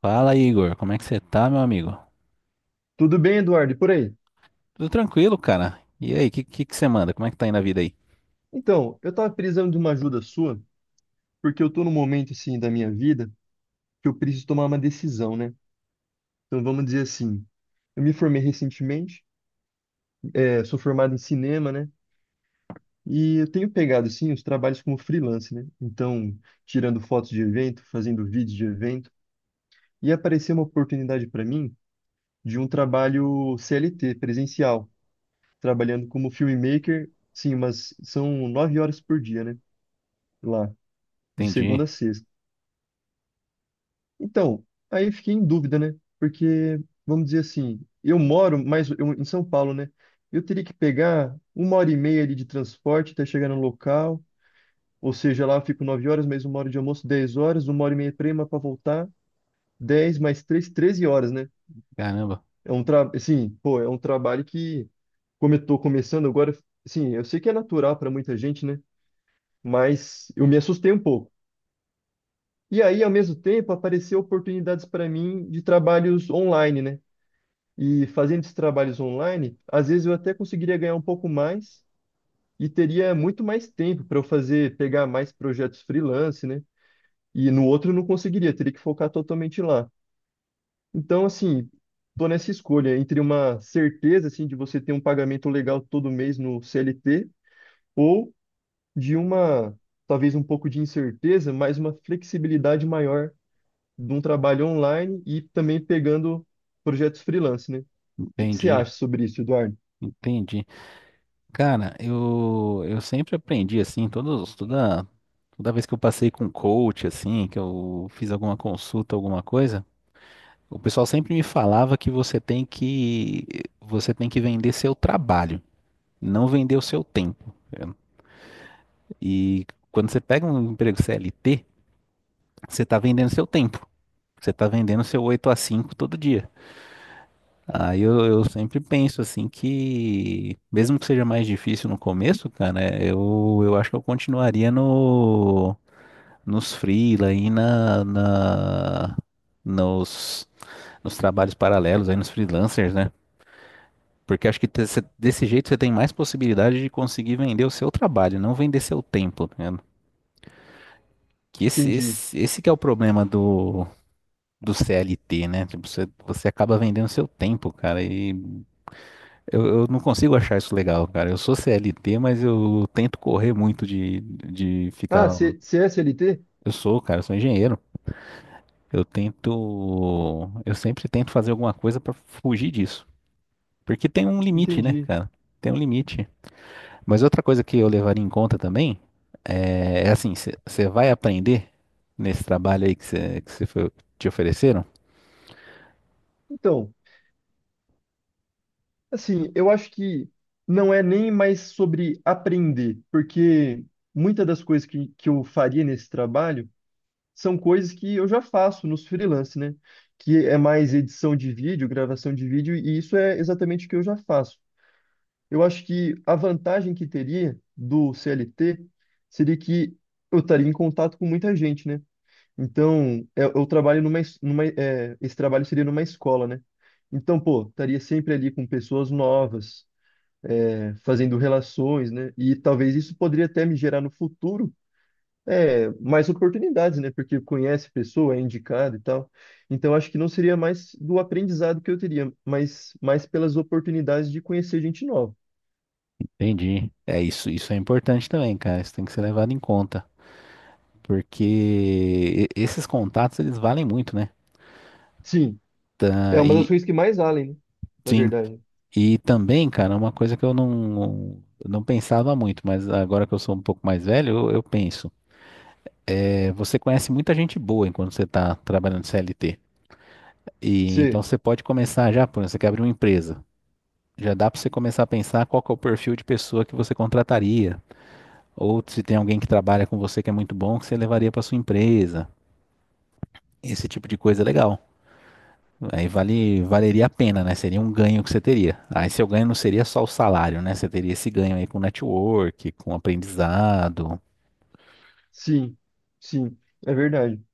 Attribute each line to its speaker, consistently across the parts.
Speaker 1: Fala, Igor. Como é que você tá, meu amigo?
Speaker 2: Tudo bem, Eduardo? E por aí?
Speaker 1: Tudo tranquilo, cara. E aí, o que, que você manda? Como é que tá indo a vida aí?
Speaker 2: Então, eu estava precisando de uma ajuda sua, porque eu estou num momento assim da minha vida que eu preciso tomar uma decisão, né? Então, vamos dizer assim, eu me formei recentemente, sou formado em cinema, né? E eu tenho pegado assim os trabalhos como freelance, né? Então, tirando fotos de evento, fazendo vídeos de evento, e apareceu uma oportunidade para mim de um trabalho CLT, presencial, trabalhando como filmmaker, sim, mas são 9 horas por dia, né? Lá, de
Speaker 1: Entendi.
Speaker 2: segunda a sexta. Então, aí eu fiquei em dúvida, né? Porque, vamos dizer assim, eu moro mais em São Paulo, né? Eu teria que pegar 1h30 ali de transporte até chegar no local. Ou seja, lá eu fico 9 horas, mais 1 hora de almoço, 10 horas, 1h30 prima para voltar, 10 mais três, 13 horas, né?
Speaker 1: Caramba,
Speaker 2: Assim, pô, é um trabalho que, como eu tô começando agora, assim, eu sei que é natural para muita gente, né? Mas eu me assustei um pouco. E aí, ao mesmo tempo, apareceram oportunidades para mim de trabalhos online, né? E fazendo esses trabalhos online, às vezes eu até conseguiria ganhar um pouco mais e teria muito mais tempo para eu fazer, pegar mais projetos freelance, né? E no outro eu não conseguiria, teria que focar totalmente lá. Então, assim, tô nessa escolha entre uma certeza, assim, de você ter um pagamento legal todo mês no CLT ou de uma, talvez um pouco de incerteza, mas uma flexibilidade maior de um trabalho online e também pegando projetos freelance, né? O que que você
Speaker 1: entendi,
Speaker 2: acha sobre isso, Eduardo?
Speaker 1: entendi. Cara, eu sempre aprendi assim, toda vez que eu passei com coach, assim, que eu fiz alguma consulta, alguma coisa. O pessoal sempre me falava que você tem que vender seu trabalho, não vender o seu tempo. E quando você pega um emprego CLT, você está vendendo seu tempo. Você está vendendo seu 8 a 5 todo dia. Aí eu sempre penso assim que, mesmo que seja mais difícil no começo, cara, eu acho que eu continuaria no, nos freela aí na, na, nos, nos trabalhos paralelos, aí nos freelancers, né? Porque acho que desse jeito você tem mais possibilidade de conseguir vender o seu trabalho, não vender seu tempo, tá ligado? Que
Speaker 2: Entendi.
Speaker 1: esse que é o problema do CLT, né? Tipo, você acaba vendendo seu tempo, cara. E eu não consigo achar isso legal, cara. Eu sou CLT, mas eu tento correr muito de
Speaker 2: Ah,
Speaker 1: ficar.
Speaker 2: C CSLT?
Speaker 1: Eu sou, cara, eu sou engenheiro. Eu tento. Eu sempre tento fazer alguma coisa pra fugir disso. Porque tem um limite, né,
Speaker 2: Entendi.
Speaker 1: cara? Tem um limite. Mas outra coisa que eu levaria em conta também é assim, você vai aprender nesse trabalho aí que você que cê foi- te ofereceram?
Speaker 2: Então, assim, eu acho que não é nem mais sobre aprender, porque muitas das coisas que eu faria nesse trabalho são coisas que eu já faço nos freelance, né? Que é mais edição de vídeo, gravação de vídeo, e isso é exatamente o que eu já faço. Eu acho que a vantagem que teria do CLT seria que eu estaria em contato com muita gente, né? Então, eu trabalho numa, esse trabalho seria numa escola, né? Então, pô, estaria sempre ali com pessoas novas, fazendo relações, né? E talvez isso poderia até me gerar no futuro, mais oportunidades, né? Porque conhece pessoa, é indicado e tal. Então, acho que não seria mais do aprendizado que eu teria, mas mais pelas oportunidades de conhecer gente nova.
Speaker 1: Entendi. É isso. Isso é importante também, cara. Isso tem que ser levado em conta, porque esses contatos eles valem muito, né?
Speaker 2: Sim, é
Speaker 1: Tá,
Speaker 2: uma das
Speaker 1: e
Speaker 2: coisas que mais valem, né? Na
Speaker 1: sim,
Speaker 2: verdade.
Speaker 1: e também, cara, uma coisa que eu não pensava muito, mas agora que eu sou um pouco mais velho, eu penso. É, você conhece muita gente boa enquanto você tá trabalhando CLT. E então
Speaker 2: Sim,
Speaker 1: você pode começar já. Por exemplo, você quer abrir uma empresa. Já dá para você começar a pensar qual que é o perfil de pessoa que você contrataria, ou se tem alguém que trabalha com você que é muito bom, que você levaria para sua empresa. Esse tipo de coisa é legal. Aí valeria a pena, né? Seria um ganho que você teria. Aí seu ganho não seria só o salário, né? Você teria esse ganho aí com network, com aprendizado.
Speaker 2: sim, sim, é verdade.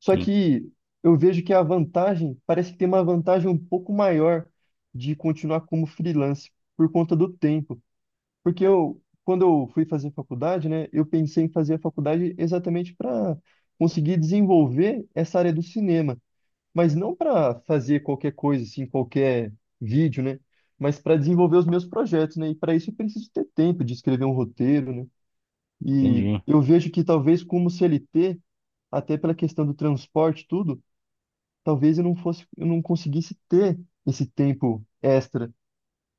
Speaker 2: Só
Speaker 1: Sim,
Speaker 2: que eu vejo que a vantagem, parece que tem uma vantagem um pouco maior de continuar como freelance por conta do tempo. Porque eu, quando eu fui fazer faculdade, né, eu pensei em fazer a faculdade exatamente para conseguir desenvolver essa área do cinema, mas não para fazer qualquer coisa assim, qualquer vídeo, né, mas para desenvolver os meus projetos, né? E para isso eu preciso ter tempo de escrever um roteiro, né? E
Speaker 1: entendi.
Speaker 2: eu vejo que talvez como CLT, até pela questão do transporte, e tudo, talvez eu não conseguisse ter esse tempo extra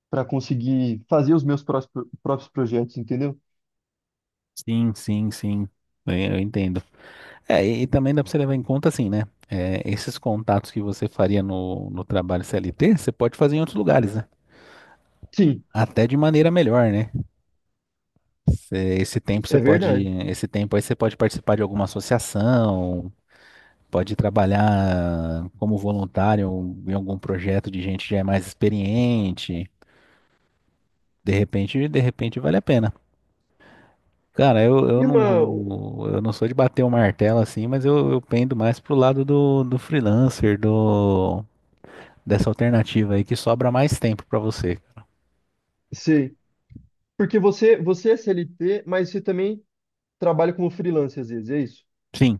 Speaker 2: para conseguir fazer os meus próprios projetos, entendeu?
Speaker 1: Sim, sim, sim. Eu entendo. É, e também dá para você levar em conta assim, né? É, esses contatos que você faria no trabalho CLT, você pode fazer em outros lugares, né?
Speaker 2: Sim,
Speaker 1: Até de maneira melhor, né? Esse tempo você
Speaker 2: é
Speaker 1: pode,
Speaker 2: verdade.
Speaker 1: esse tempo aí você pode participar de alguma associação, pode trabalhar como voluntário em algum projeto de gente que já é mais experiente. De repente vale a pena. Cara,
Speaker 2: E uma,
Speaker 1: eu não sou de bater o martelo assim, mas eu pendo mais pro lado do freelancer, do dessa alternativa aí que sobra mais tempo pra você.
Speaker 2: sei, Porque você é CLT, mas você também trabalha como freelancer às vezes, é isso?
Speaker 1: Sim,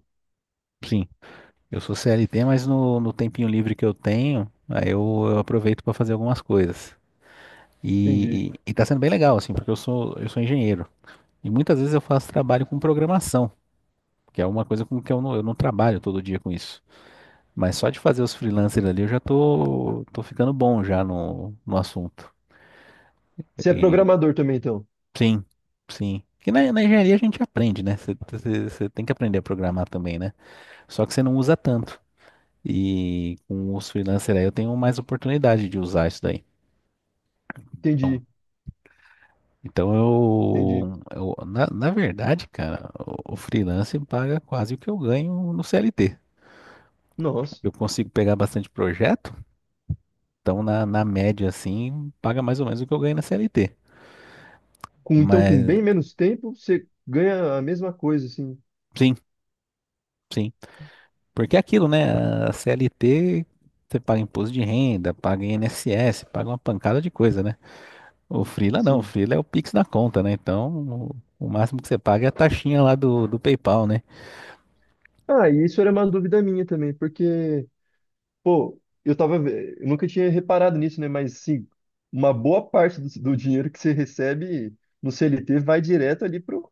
Speaker 1: sim. Eu sou CLT, mas no tempinho livre que eu tenho, aí eu aproveito pra fazer algumas coisas.
Speaker 2: Entendi.
Speaker 1: E tá sendo bem legal, assim, porque eu sou engenheiro. E muitas vezes eu faço trabalho com programação, que é uma coisa com que eu não trabalho todo dia com isso. Mas só de fazer os freelancers ali eu já tô ficando bom já no assunto.
Speaker 2: Você é
Speaker 1: E-
Speaker 2: programador também, então?
Speaker 1: sim, sim. Porque na engenharia a gente aprende, né? Você tem que aprender a programar também, né? Só que você não usa tanto. E com os freelancers aí eu tenho mais oportunidade de usar isso daí. Então,
Speaker 2: Entendi, entendi.
Speaker 1: Na verdade, cara, o freelance paga quase o que eu ganho no CLT.
Speaker 2: Nossa.
Speaker 1: Eu consigo pegar bastante projeto, então na média assim, paga mais ou menos o que eu ganho na CLT.
Speaker 2: Então, com
Speaker 1: Mas
Speaker 2: bem menos tempo, você ganha a mesma coisa, assim.
Speaker 1: sim, sim. Porque é aquilo, né? A CLT você paga imposto de renda, paga INSS, paga uma pancada de coisa, né? O Freela não, o
Speaker 2: Sim.
Speaker 1: Freela é o Pix na conta, né? Então, o máximo que você paga é a taxinha lá do PayPal, né?
Speaker 2: Ah, e isso era uma dúvida minha também, porque Pô, eu nunca tinha reparado nisso, né? Mas sim, uma boa parte do dinheiro que você recebe no CLT vai direto ali pro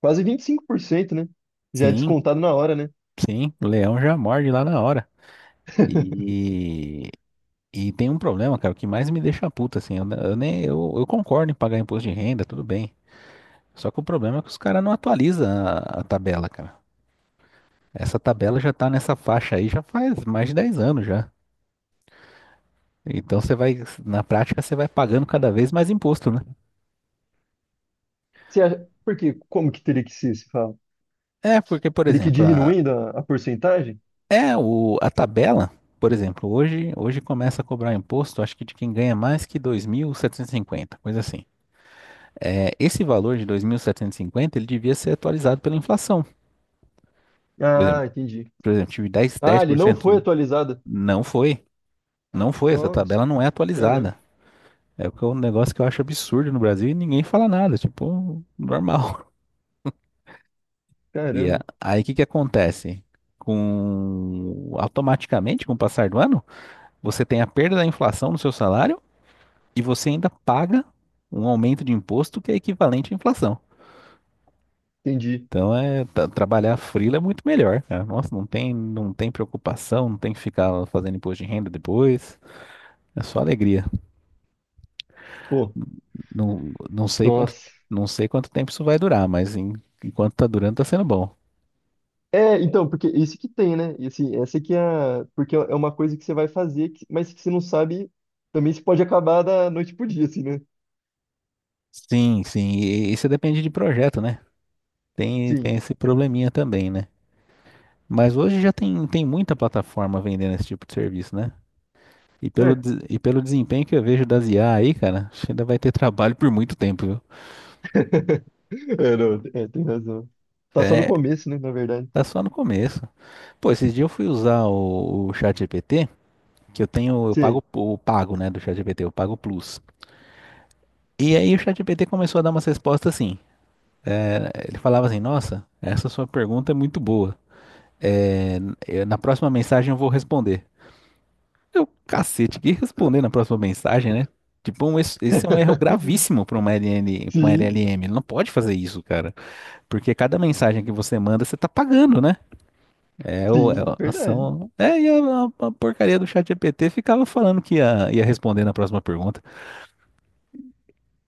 Speaker 2: quase 25%, né? Já é
Speaker 1: Sim,
Speaker 2: descontado na hora, né?
Speaker 1: sim, o leão já morde lá na hora. E, e tem um problema, cara, o que mais me deixa puto, assim, eu, ne- eu nem, eu concordo em pagar imposto de renda, tudo bem. Só que o problema é que os caras não atualizam a tabela, cara. Essa tabela já tá nessa faixa aí já faz mais de 10 anos já. Então você vai, na prática, você vai pagando cada vez mais imposto, né?
Speaker 2: Você acha, por quê? Como que teria que ser, se fala?
Speaker 1: É, porque, por
Speaker 2: Teria que ir
Speaker 1: exemplo,
Speaker 2: diminuindo a porcentagem?
Speaker 1: é, a tabela, por exemplo, hoje começa a cobrar imposto, acho que de quem ganha mais que 2.750, coisa assim. É, esse valor de 2.750 ele devia ser atualizado pela inflação. Por
Speaker 2: Ah,
Speaker 1: exemplo,
Speaker 2: entendi.
Speaker 1: por exemplo, tive
Speaker 2: Ah,
Speaker 1: dez
Speaker 2: ele
Speaker 1: por
Speaker 2: não
Speaker 1: cento,
Speaker 2: foi atualizado.
Speaker 1: não foi, não foi, essa
Speaker 2: Nossa,
Speaker 1: tabela não é
Speaker 2: caramba,
Speaker 1: atualizada. É o que é um negócio que eu acho absurdo no Brasil e ninguém fala nada, tipo, normal. E
Speaker 2: caramba,
Speaker 1: aí o que que acontece? Automaticamente, com o passar do ano, você tem a perda da inflação no seu salário, e você ainda paga um aumento de imposto que é equivalente à inflação.
Speaker 2: entendi.
Speaker 1: Então é trabalhar freela é muito melhor, cara. Nossa, não tem, não tem preocupação, não tem que ficar fazendo imposto de renda depois. É só alegria.
Speaker 2: Pô,
Speaker 1: Não, não sei quanto,
Speaker 2: nossa.
Speaker 1: não sei quanto tempo isso vai durar, mas enquanto tá durando, tá sendo bom.
Speaker 2: É, então, porque isso que tem, né? E assim, essa que é a... Porque é uma coisa que você vai fazer, mas que você não sabe, também se pode acabar da noite pro dia, assim, né?
Speaker 1: Sim, sim. E isso depende de projeto, né? Tem,
Speaker 2: Sim.
Speaker 1: tem esse probleminha também, né? Mas hoje já tem, tem muita plataforma vendendo esse tipo de serviço, né? E
Speaker 2: É.
Speaker 1: e pelo desempenho que eu vejo das IA aí, cara, acho que ainda vai ter trabalho por muito tempo, viu?
Speaker 2: É, não, é, tem razão. Tá só no
Speaker 1: É,
Speaker 2: começo, né, na verdade.
Speaker 1: tá só no começo. Pô, esses dias eu fui usar o ChatGPT, que eu tenho, eu
Speaker 2: Sim,
Speaker 1: pago o pago, né, do ChatGPT, eu pago o Plus. E aí o ChatGPT começou a dar umas respostas assim. Ele falava assim, nossa, essa sua pergunta é muito boa. É, na próxima mensagem eu vou responder. Eu, cacete, que responder na próxima mensagem, né? Tipo, esse é um erro gravíssimo para uma LN, pra uma
Speaker 2: sim,
Speaker 1: LLM. Ele não pode fazer isso, cara. Porque cada mensagem que você manda, você tá pagando, né? É, é
Speaker 2: sim,
Speaker 1: a
Speaker 2: verdade.
Speaker 1: ação. É, a porcaria do chat GPT ficava falando que ia responder na próxima pergunta.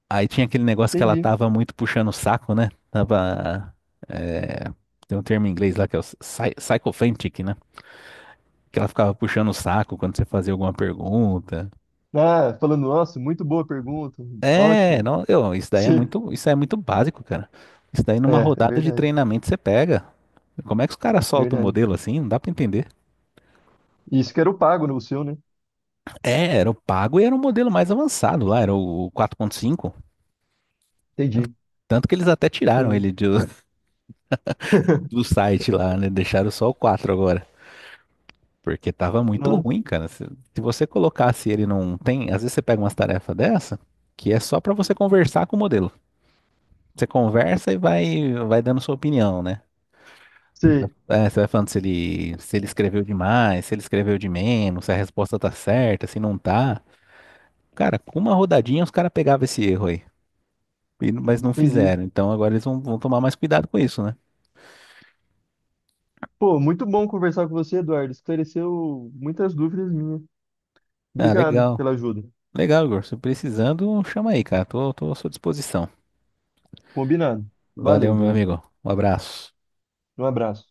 Speaker 1: Aí tinha aquele negócio que ela
Speaker 2: Entendi.
Speaker 1: tava muito puxando o saco, né? Tava. É, tem um termo em inglês lá que é o psychophantic, né? Que ela ficava puxando o saco quando você fazia alguma pergunta.
Speaker 2: Ah, falando, nossa, muito boa pergunta.
Speaker 1: É,
Speaker 2: Ótimo.
Speaker 1: não, eu, isso daí é
Speaker 2: Sim.
Speaker 1: muito, isso aí é muito básico, cara. Isso daí numa
Speaker 2: É
Speaker 1: rodada de
Speaker 2: verdade,
Speaker 1: treinamento você pega. Como é que os caras soltam o
Speaker 2: verdade.
Speaker 1: modelo assim? Não dá pra entender.
Speaker 2: Isso que era o pago, né, o seu, né?
Speaker 1: É, era o pago e era o modelo mais avançado lá, era o 4.5. Tanto,
Speaker 2: Entendi,
Speaker 1: tanto que eles até tiraram
Speaker 2: entendi.
Speaker 1: ele do site lá, né? Deixaram só o 4 agora. Porque tava muito
Speaker 2: Nossa,
Speaker 1: ruim, cara. Se você colocasse ele não tem, às vezes você pega umas tarefas dessa, que é só pra você conversar com o modelo. Você conversa e vai, vai dando sua opinião, né?
Speaker 2: sei,
Speaker 1: É, você vai falando se ele, se ele escreveu demais, se ele escreveu de menos, se a resposta tá certa, se não tá. Cara, com uma rodadinha os caras pegavam esse erro aí. Mas não
Speaker 2: entendi.
Speaker 1: fizeram. Então agora eles vão, vão tomar mais cuidado com isso, né?
Speaker 2: Pô, muito bom conversar com você, Eduardo. Esclareceu muitas dúvidas minhas.
Speaker 1: Ah,
Speaker 2: Obrigado
Speaker 1: legal.
Speaker 2: pela ajuda.
Speaker 1: Legal, Igor. Se precisando, chama aí, cara. Tô à sua disposição.
Speaker 2: Combinado. Valeu,
Speaker 1: Valeu, meu
Speaker 2: Eduardo.
Speaker 1: amigo. Um abraço.
Speaker 2: Um abraço.